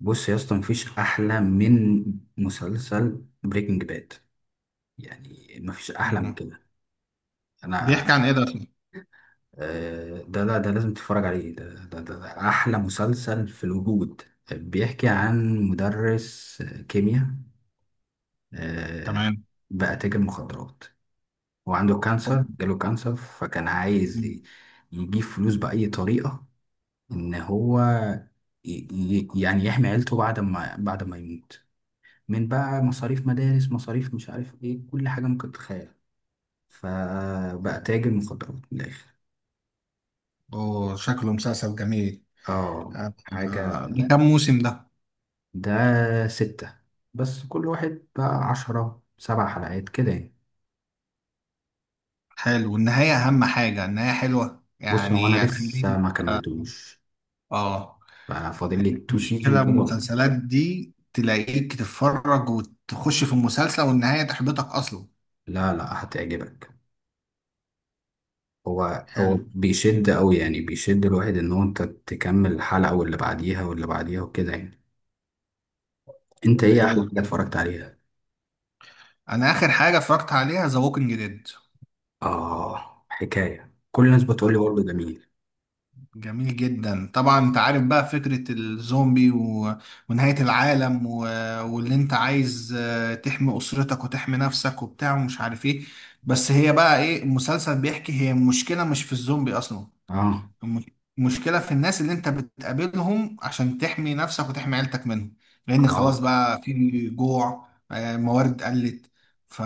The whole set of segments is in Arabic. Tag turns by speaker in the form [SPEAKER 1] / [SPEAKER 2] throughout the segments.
[SPEAKER 1] بص يا اسطى، مفيش احلى من مسلسل بريكنج باد، يعني مفيش احلى من
[SPEAKER 2] مم.
[SPEAKER 1] كده. انا
[SPEAKER 2] بيحكي عن ايه ده اصلا؟
[SPEAKER 1] آه، ده لا، ده لازم تتفرج عليه. ده احلى مسلسل في الوجود. بيحكي عن مدرس كيمياء، آه،
[SPEAKER 2] تمام.
[SPEAKER 1] بقى تاجر مخدرات. هو عنده كانسر، جاله كانسر، فكان عايز يجيب فلوس بأي طريقة. ان هو يعني يحمي عيلته بعد ما يموت، من بقى مصاريف مدارس، مصاريف، مش عارف ايه، كل حاجة ممكن تتخيلها. فبقى تاجر مخدرات من الآخر.
[SPEAKER 2] اوه، شكله مسلسل جميل.
[SPEAKER 1] اه،
[SPEAKER 2] آه.
[SPEAKER 1] حاجة.
[SPEAKER 2] من كام موسم ده؟
[SPEAKER 1] ده 6، بس كل واحد بقى 10، 7 حلقات كده يعني.
[SPEAKER 2] حلو، والنهاية اهم حاجة. النهاية حلوة
[SPEAKER 1] بص هو أنا
[SPEAKER 2] يعني
[SPEAKER 1] لسه
[SPEAKER 2] هتخليني.
[SPEAKER 1] ما
[SPEAKER 2] اه.
[SPEAKER 1] كملتوش،
[SPEAKER 2] آه.
[SPEAKER 1] فاضل لي تو سيزون
[SPEAKER 2] المشكلة
[SPEAKER 1] كده وخلاص.
[SPEAKER 2] المسلسلات دي تلاقيك تتفرج وتخش في المسلسل والنهاية تحبطك اصلا.
[SPEAKER 1] لا لا، هتعجبك. هو
[SPEAKER 2] حلو.
[SPEAKER 1] بيشد أوي، يعني بيشد الواحد إن هو أنت تكمل الحلقة واللي بعديها واللي بعديها وكده يعني. أنت إيه أحلى
[SPEAKER 2] حلو.
[SPEAKER 1] حاجة اتفرجت عليها؟
[SPEAKER 2] انا اخر حاجة اتفرجت عليها ذا ووكينج ديد.
[SPEAKER 1] آه، حكاية، كل الناس بتقول لي برضه جميل.
[SPEAKER 2] جميل جدا، طبعا انت عارف بقى فكرة الزومبي ونهاية العالم واللي انت عايز تحمي اسرتك وتحمي نفسك وبتاع ومش عارف ايه. بس هي بقى ايه المسلسل بيحكي؟ هي المشكلة مش في الزومبي اصلا.
[SPEAKER 1] آه
[SPEAKER 2] الم- المشكلة في الناس اللي انت بتقابلهم عشان تحمي نفسك وتحمي عيلتك منهم. لان خلاص
[SPEAKER 1] آه
[SPEAKER 2] بقى في جوع، موارد قلت. ف...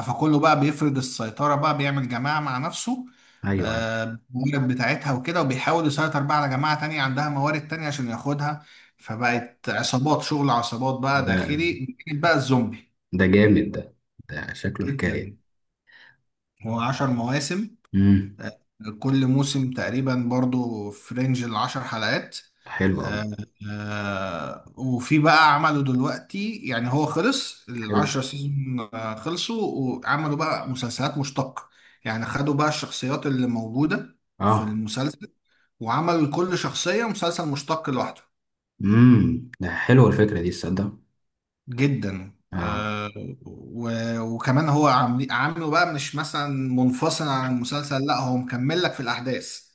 [SPEAKER 2] فكله بقى بيفرض السيطرة، بقى بيعمل جماعة مع نفسه،
[SPEAKER 1] أيوه.
[SPEAKER 2] آه، الموارد بتاعتها وكده، وبيحاول يسيطر بقى على جماعة تانية عندها موارد تانية عشان ياخدها. فبقت عصابات، شغل عصابات بقى
[SPEAKER 1] ده
[SPEAKER 2] داخلي بقى الزومبي.
[SPEAKER 1] ده جامد ده. ده شكله
[SPEAKER 2] جدا.
[SPEAKER 1] حكاية.
[SPEAKER 2] هو عشر مواسم.
[SPEAKER 1] امم،
[SPEAKER 2] آه، كل موسم تقريبا برضو في رينج العشر حلقات.
[SPEAKER 1] حلو أوي.
[SPEAKER 2] آه، وفي بقى عملوا دلوقتي، يعني هو خلص
[SPEAKER 1] حلو.
[SPEAKER 2] العشرة سيزون خلصوا وعملوا بقى مسلسلات مشتقة. يعني خدوا بقى الشخصيات اللي موجودة في
[SPEAKER 1] آه.
[SPEAKER 2] المسلسل وعملوا لكل شخصية مسلسل مشتق لوحده.
[SPEAKER 1] امم، ده حلوة الفكرة دي، تصدق.
[SPEAKER 2] جدا.
[SPEAKER 1] آه.
[SPEAKER 2] و- وكمان هو عامله بقى مش مثلا منفصل عن المسلسل، لا هو مكمل لك في الأحداث.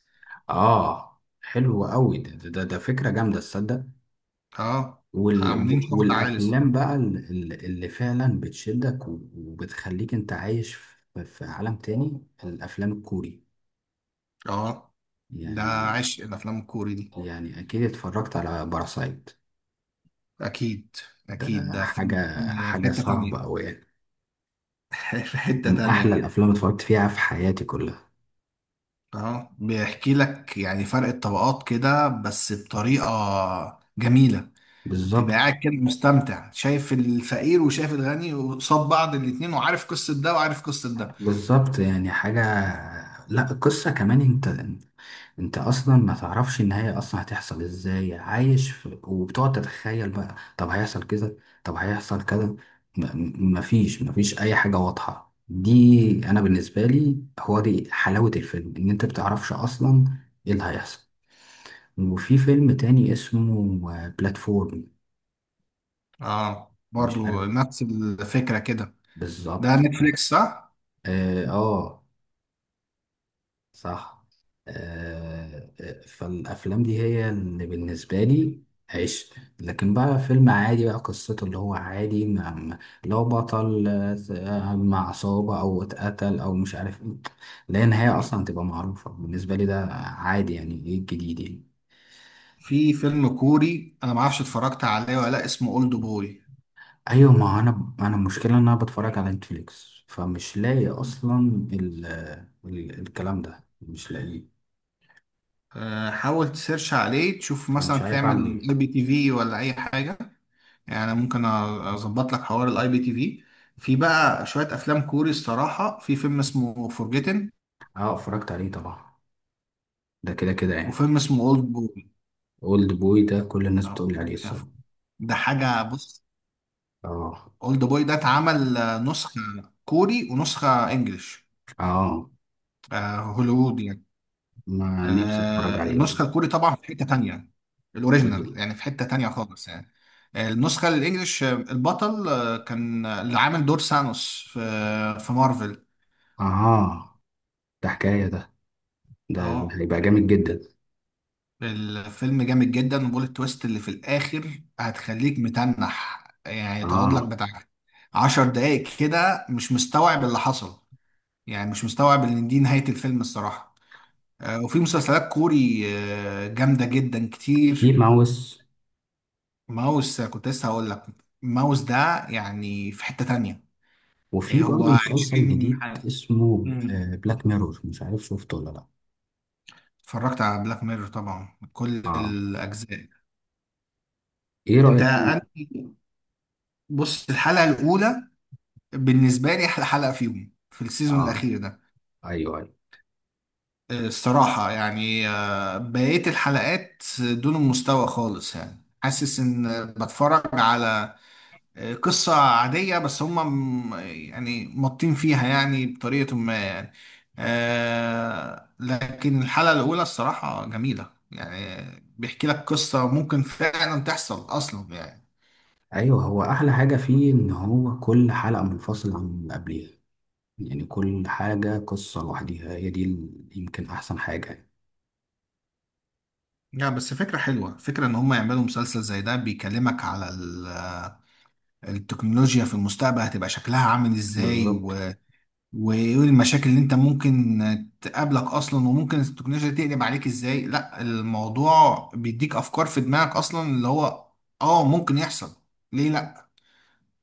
[SPEAKER 1] آه حلو أوي، ده فكرة جامدة، تصدق.
[SPEAKER 2] اه.
[SPEAKER 1] وال...
[SPEAKER 2] عاملين شغل عالي
[SPEAKER 1] والأفلام
[SPEAKER 2] الصراحة.
[SPEAKER 1] بقى اللي فعلا بتشدك و- وبتخليك أنت عايش في عالم تاني، الأفلام الكوري
[SPEAKER 2] اه. ده
[SPEAKER 1] يعني.
[SPEAKER 2] عشق الافلام الكوري دي.
[SPEAKER 1] يعني أكيد اتفرجت على باراسايت.
[SPEAKER 2] اكيد. اكيد،
[SPEAKER 1] ده
[SPEAKER 2] ده
[SPEAKER 1] حاجة،
[SPEAKER 2] فيلم في
[SPEAKER 1] حاجة
[SPEAKER 2] حتة تانية.
[SPEAKER 1] صعبة أوي يعني.
[SPEAKER 2] في حتة
[SPEAKER 1] من أحلى
[SPEAKER 2] تانية.
[SPEAKER 1] الأفلام اللي اتفرجت فيها في حياتي كلها.
[SPEAKER 2] اه، بيحكي لك يعني فرق الطبقات كده بس بطريقة جميلة. تبقى قاعد
[SPEAKER 1] بالظبط.
[SPEAKER 2] كده مستمتع، شايف الفقير وشايف الغني وقصاد بعض الاتنين، وعارف قصة ده وعارف قصة ده.
[SPEAKER 1] بالظبط يعني حاجة. لا، القصة كمان، أنت أصلا ما تعرفش النهاية أصلا هتحصل إزاي، عايش في، وبتقعد تتخيل بقى، طب هيحصل كذا، طب هيحصل كذا، مفيش أي حاجة واضحة دي. أنا بالنسبة لي هو دي حلاوة الفيلم، إن أنت بتعرفش أصلا إيه اللي هيحصل. وفي فيلم تاني اسمه بلاتفورم،
[SPEAKER 2] اه،
[SPEAKER 1] مش
[SPEAKER 2] برضو
[SPEAKER 1] عارف.
[SPEAKER 2] نفس الفكرة كده. ده
[SPEAKER 1] بالظبط.
[SPEAKER 2] نتفليكس صح؟
[SPEAKER 1] اه آه، صح. آه آه، فالافلام دي هي اللي بالنسبه لي عشق. لكن بقى فيلم عادي بقى قصته اللي هو عادي، اللي هو بطل، آه، مع عصابه او اتقتل او مش عارف ايه، لا النهايه اصلا تبقى معروفه بالنسبه لي، ده عادي، يعني ايه الجديد يعني.
[SPEAKER 2] في فيلم كوري انا ما اعرفش اتفرجت عليه ولا لا اسمه اولد بوي.
[SPEAKER 1] ايوه، ما انا المشكله ان انا بتفرج على نتفليكس فمش لاقي اصلا، ال الكلام ده مش لاقيه.
[SPEAKER 2] حاول تسيرش عليه، تشوف مثلا
[SPEAKER 1] فمش عارف
[SPEAKER 2] تعمل
[SPEAKER 1] اعمل
[SPEAKER 2] اي
[SPEAKER 1] ايه.
[SPEAKER 2] بي تي في ولا اي حاجه. يعني ممكن اظبط لك حوار الاي بي تي في. في بقى شويه افلام كوري الصراحه. في فيلم اسمه فورجيتن،
[SPEAKER 1] اه اتفرجت عليه طبعا، ده كده كده يعني.
[SPEAKER 2] وفيلم اسمه اولد بوي.
[SPEAKER 1] اولد بوي ده كل الناس بتقول لي
[SPEAKER 2] أهو،
[SPEAKER 1] عليه
[SPEAKER 2] يعني
[SPEAKER 1] الصراحه.
[SPEAKER 2] ده حاجه. بص،
[SPEAKER 1] اه.
[SPEAKER 2] اولد بوي ده اتعمل نسخه كوري ونسخه انجليش.
[SPEAKER 1] اه،
[SPEAKER 2] هوليوود يعني.
[SPEAKER 1] ما نفسي اتفرج عليه.
[SPEAKER 2] النسخة الكوري طبعا في حتة تانية. الأوريجينال
[SPEAKER 1] بالظبط.
[SPEAKER 2] يعني في حتة تانية خالص يعني. النسخة الإنجليش البطل كان اللي عامل دور سانوس في في مارفل.
[SPEAKER 1] اه، ده حكايه ده. ده
[SPEAKER 2] اه.
[SPEAKER 1] هيبقى جامد جدا.
[SPEAKER 2] الفيلم جامد جدا، وبول التويست اللي في الآخر هتخليك متنح يعني. تقعد لك
[SPEAKER 1] اه.
[SPEAKER 2] بتاع عشر دقايق كده مش مستوعب اللي حصل، يعني مش مستوعب إن دي نهاية الفيلم الصراحة. وفي مسلسلات كوري جامدة جدا
[SPEAKER 1] في
[SPEAKER 2] كتير.
[SPEAKER 1] ماوس.
[SPEAKER 2] ماوس كنت لسه هقول لك. ماوس ده يعني في حتة تانية. إيه
[SPEAKER 1] وفي
[SPEAKER 2] هو؟
[SPEAKER 1] برضه مسلسل
[SPEAKER 2] 20
[SPEAKER 1] جديد
[SPEAKER 2] حلقة.
[SPEAKER 1] اسمه
[SPEAKER 2] مم.
[SPEAKER 1] بلاك ميرور، مش عارف شفته ولا لا.
[SPEAKER 2] اتفرجت على بلاك ميرور طبعا كل
[SPEAKER 1] اه،
[SPEAKER 2] الأجزاء.
[SPEAKER 1] ايه
[SPEAKER 2] انت
[SPEAKER 1] رايك فيه؟
[SPEAKER 2] أنا- بص، الحلقة الأولى بالنسبة لي أحلى حلقة فيهم في السيزون
[SPEAKER 1] اه
[SPEAKER 2] الأخير ده.
[SPEAKER 1] ايوه ايوه.
[SPEAKER 2] الصراحة يعني، بقية الحلقات دون المستوى خالص يعني. حاسس إن بتفرج على قصة عادية، بس هم يعني مطين فيها يعني بطريقة ما يعني. لكن الحلقة الأولى الصراحة جميلة يعني. بيحكي لك قصة ممكن فعلا تحصل أصلا يعني.
[SPEAKER 1] ايوه، هو احلى حاجه فيه ان هو كل حلقه منفصله عن اللي قبليها، يعني كل حاجة قصة لوحديها، هي دي يمكن أحسن حاجة يعني.
[SPEAKER 2] لا، بس فكرة حلوة. فكرة إن هم يعملوا مسلسل زي ده بيكلمك على التكنولوجيا في المستقبل هتبقى شكلها عامل إزاي،
[SPEAKER 1] بالظبط.
[SPEAKER 2] وايه المشاكل اللي انت ممكن تقابلك اصلا، وممكن التكنولوجيا تقلب عليك ازاي. لا، الموضوع بيديك افكار في دماغك اصلا اللي هو اه ممكن يحصل. ليه لا؟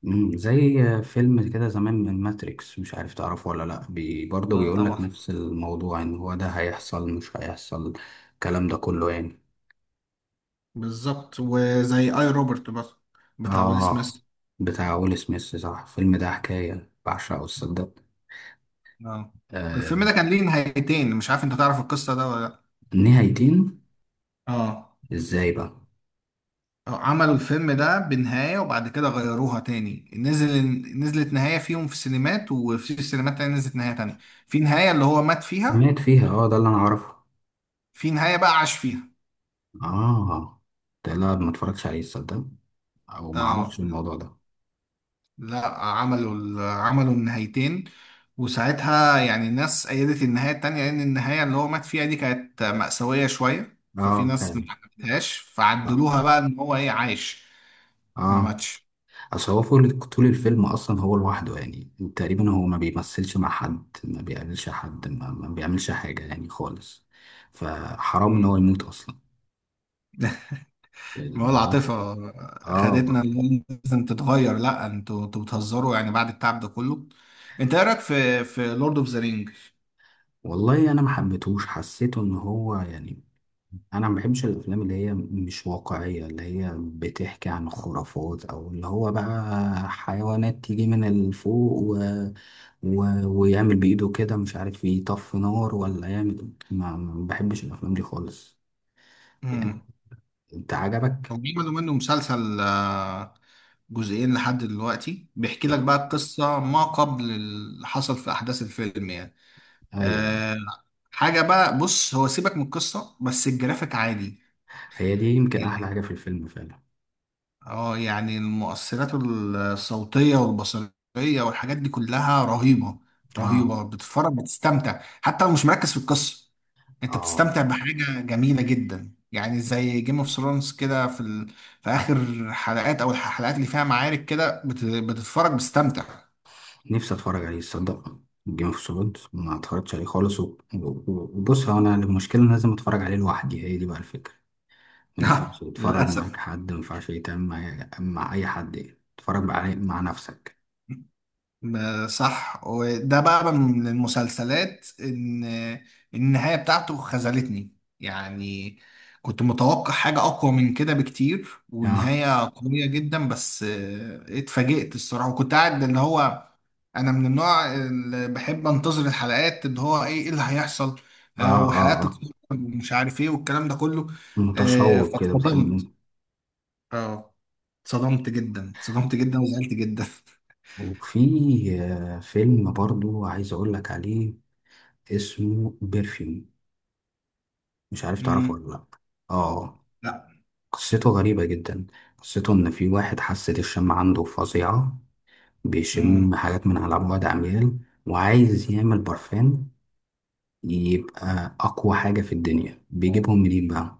[SPEAKER 1] مم، زي فيلم كده زمان من ماتريكس، مش عارف تعرفه ولا لأ، بي برضه
[SPEAKER 2] اه
[SPEAKER 1] بيقول لك
[SPEAKER 2] طبعا.
[SPEAKER 1] نفس الموضوع إن هو ده هيحصل مش هيحصل، الكلام ده كله يعني.
[SPEAKER 2] بالظبط، وزي اي روبرت بس بتاع ويل سميث.
[SPEAKER 1] آه، بتاع ويل سميث، صح؟ الفيلم ده حكاية، بعشقه الصدق.
[SPEAKER 2] اه.
[SPEAKER 1] آه.
[SPEAKER 2] الفيلم ده كان ليه نهايتين، مش عارف انت تعرف القصة ده ولا لا.
[SPEAKER 1] نهايتين؟
[SPEAKER 2] اه.
[SPEAKER 1] إزاي بقى؟
[SPEAKER 2] عملوا الفيلم ده بنهاية وبعد كده غيروها تاني. نزلت نهاية فيهم في السينمات، وفي السينمات تاني نزلت نهاية تانية. في نهاية اللي هو مات فيها،
[SPEAKER 1] مات فيها، آه، ده اللي أنا أعرفه.
[SPEAKER 2] في نهاية بقى عاش فيها.
[SPEAKER 1] آه، ده لا، ما اتفرجتش عليه الصدق، أو ما
[SPEAKER 2] آه.
[SPEAKER 1] أعرفش الموضوع ده.
[SPEAKER 2] لا، عملوا النهايتين. وساعتها يعني الناس أيدت النهاية التانية لأن النهاية اللي هو مات فيها دي كانت مأساوية شوية، ففي
[SPEAKER 1] آه،
[SPEAKER 2] ناس ما
[SPEAKER 1] فعلا،
[SPEAKER 2] حبتهاش، فعدلوها
[SPEAKER 1] صح.
[SPEAKER 2] بقى إن هو إيه عايش، ما
[SPEAKER 1] اه،
[SPEAKER 2] ماتش.
[SPEAKER 1] اصل هو فول طول الفيلم اصلا، هو لوحده يعني تقريبا، هو ما بيمثلش مع حد، ما بيقابلش حد، ما, ما بيعملش حاجة يعني خالص، فحرام ان
[SPEAKER 2] مم.
[SPEAKER 1] هو يموت اصلا.
[SPEAKER 2] ما هو
[SPEAKER 1] الموضوع.
[SPEAKER 2] العاطفة خدتنا
[SPEAKER 1] اه.
[SPEAKER 2] اللي هو لازم تتغير. لا، انتوا بتهزروا يعني بعد التعب ده كله؟ انت ايه رايك في لورد اوف ذا
[SPEAKER 1] والله انا ما حبيتهوش، حسيته ان هو يعني، انا ما بحبش الافلام اللي هي مش واقعيه، اللي هي بتحكي عن خرافات، او اللي هو بقى حيوانات تيجي من الفوق و... ويعمل بايده كده، مش عارف يطفي نار ولا يعمل، ما بحبش الافلام دي خالص
[SPEAKER 2] رينج؟
[SPEAKER 1] يعني. انت عجبك؟
[SPEAKER 2] هم بيعملوا منه مسلسل جزئين لحد دلوقتي، بيحكي لك بقى القصة ما قبل اللي حصل في أحداث الفيلم يعني.
[SPEAKER 1] ايوه،
[SPEAKER 2] آه، حاجة بقى. بص، هو سيبك من القصة بس الجرافيك عادي.
[SPEAKER 1] هي دي يمكن احلى
[SPEAKER 2] آه،
[SPEAKER 1] حاجه في الفيلم فعلا.
[SPEAKER 2] اه يعني المؤثرات الصوتية والبصرية والحاجات دي كلها رهيبة.
[SPEAKER 1] اه.
[SPEAKER 2] رهيبة، بتتفرج بتستمتع حتى لو مش مركز في القصة. انت
[SPEAKER 1] اه
[SPEAKER 2] بتستمتع بحاجة جميلة جدا يعني، زي جيم اوف ثرونز كده في اخر حلقات او الحلقات اللي فيها معارك كده بتتفرج بتستمتع.
[SPEAKER 1] نفسي اتفرج عليه تصدق، جيم اوف ثرونز ما اتفرجتش عليه خالص و- و- وبص هو انا المشكله إن أنا لازم اتفرج عليه لوحدي، هي دي بقى الفكره. ما ينفعش تتفرج معاك
[SPEAKER 2] للأسف.
[SPEAKER 1] حد، ما ينفعش يتعمل مع أي حد يعني، تتفرج مع نفسك.
[SPEAKER 2] صح، وده بقى من المسلسلات ان النهاية بتاعته خذلتني يعني. كنت متوقع حاجة أقوى من كده بكتير
[SPEAKER 1] آه
[SPEAKER 2] ونهاية قوية جدا بس اتفاجئت الصراحة. وكنت قاعد اللي هو، أنا من النوع اللي بحب أنتظر الحلقات، اللي هو إيه اللي هيحصل،
[SPEAKER 1] آه آه
[SPEAKER 2] وحلقات
[SPEAKER 1] آه،
[SPEAKER 2] تتفرج ومش عارف إيه والكلام ده كله.
[SPEAKER 1] متشوق كده بتحب.
[SPEAKER 2] فاتصدمت. اه، اتصدمت جدا، اتصدمت جدا وزعلت جدا.
[SPEAKER 1] وفي آه، فيلم برضو عايز أقول لك عليه اسمه بيرفيوم، مش عارف تعرفه
[SPEAKER 2] مم.
[SPEAKER 1] ولا لأ. آه.
[SPEAKER 2] لا.
[SPEAKER 1] قصته غريبة جدا. قصته إن في واحد حاسة الشم عنده فظيعة،
[SPEAKER 2] مم.
[SPEAKER 1] بيشم حاجات من على بعد عميال، وعايز يعمل برفان يبقى أقوى حاجة في الدنيا. بيجيبهم منين بقى؟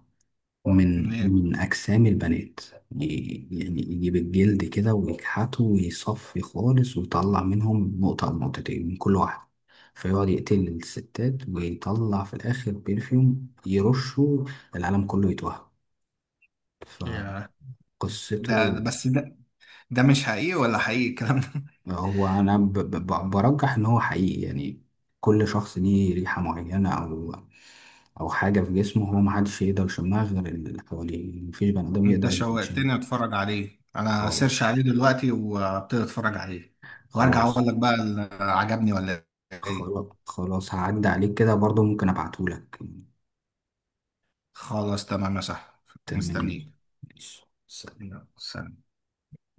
[SPEAKER 1] ومن
[SPEAKER 2] منين.
[SPEAKER 1] أجسام البنات. يعني يجيب الجلد كده ويكحته ويصفي خالص، ويطلع منهم نقطة أو نقطتين من كل واحدة، فيقعد يقتل الستات ويطلع في الآخر بيرفيوم يرشه، العالم كله يتوهم،
[SPEAKER 2] يا،
[SPEAKER 1] فقصته.
[SPEAKER 2] بس ده مش حقيقي ولا حقيقي الكلام ده.
[SPEAKER 1] هو أنا برجح إن هو حقيقي يعني، كل شخص ليه ريحة معينة أو أو حاجة في جسمه هو، محدش يقدر يشمها غير اللي حواليه، مفيش بني آدم
[SPEAKER 2] انت
[SPEAKER 1] يقدر يشم.
[SPEAKER 2] شوقتني اتفرج عليه. انا
[SPEAKER 1] اه.
[SPEAKER 2] سيرش عليه دلوقتي وابتدي اتفرج عليه، وارجع
[SPEAKER 1] خلاص
[SPEAKER 2] اقول لك بقى عجبني ولا. ايه.
[SPEAKER 1] خلاص هعدي عليك كده برضو، ممكن ابعتهولك.
[SPEAKER 2] خلاص، تمام يا صاحبي.
[SPEAKER 1] تمام.
[SPEAKER 2] مستنيك.
[SPEAKER 1] ماشي.
[SPEAKER 2] يلا، سلام.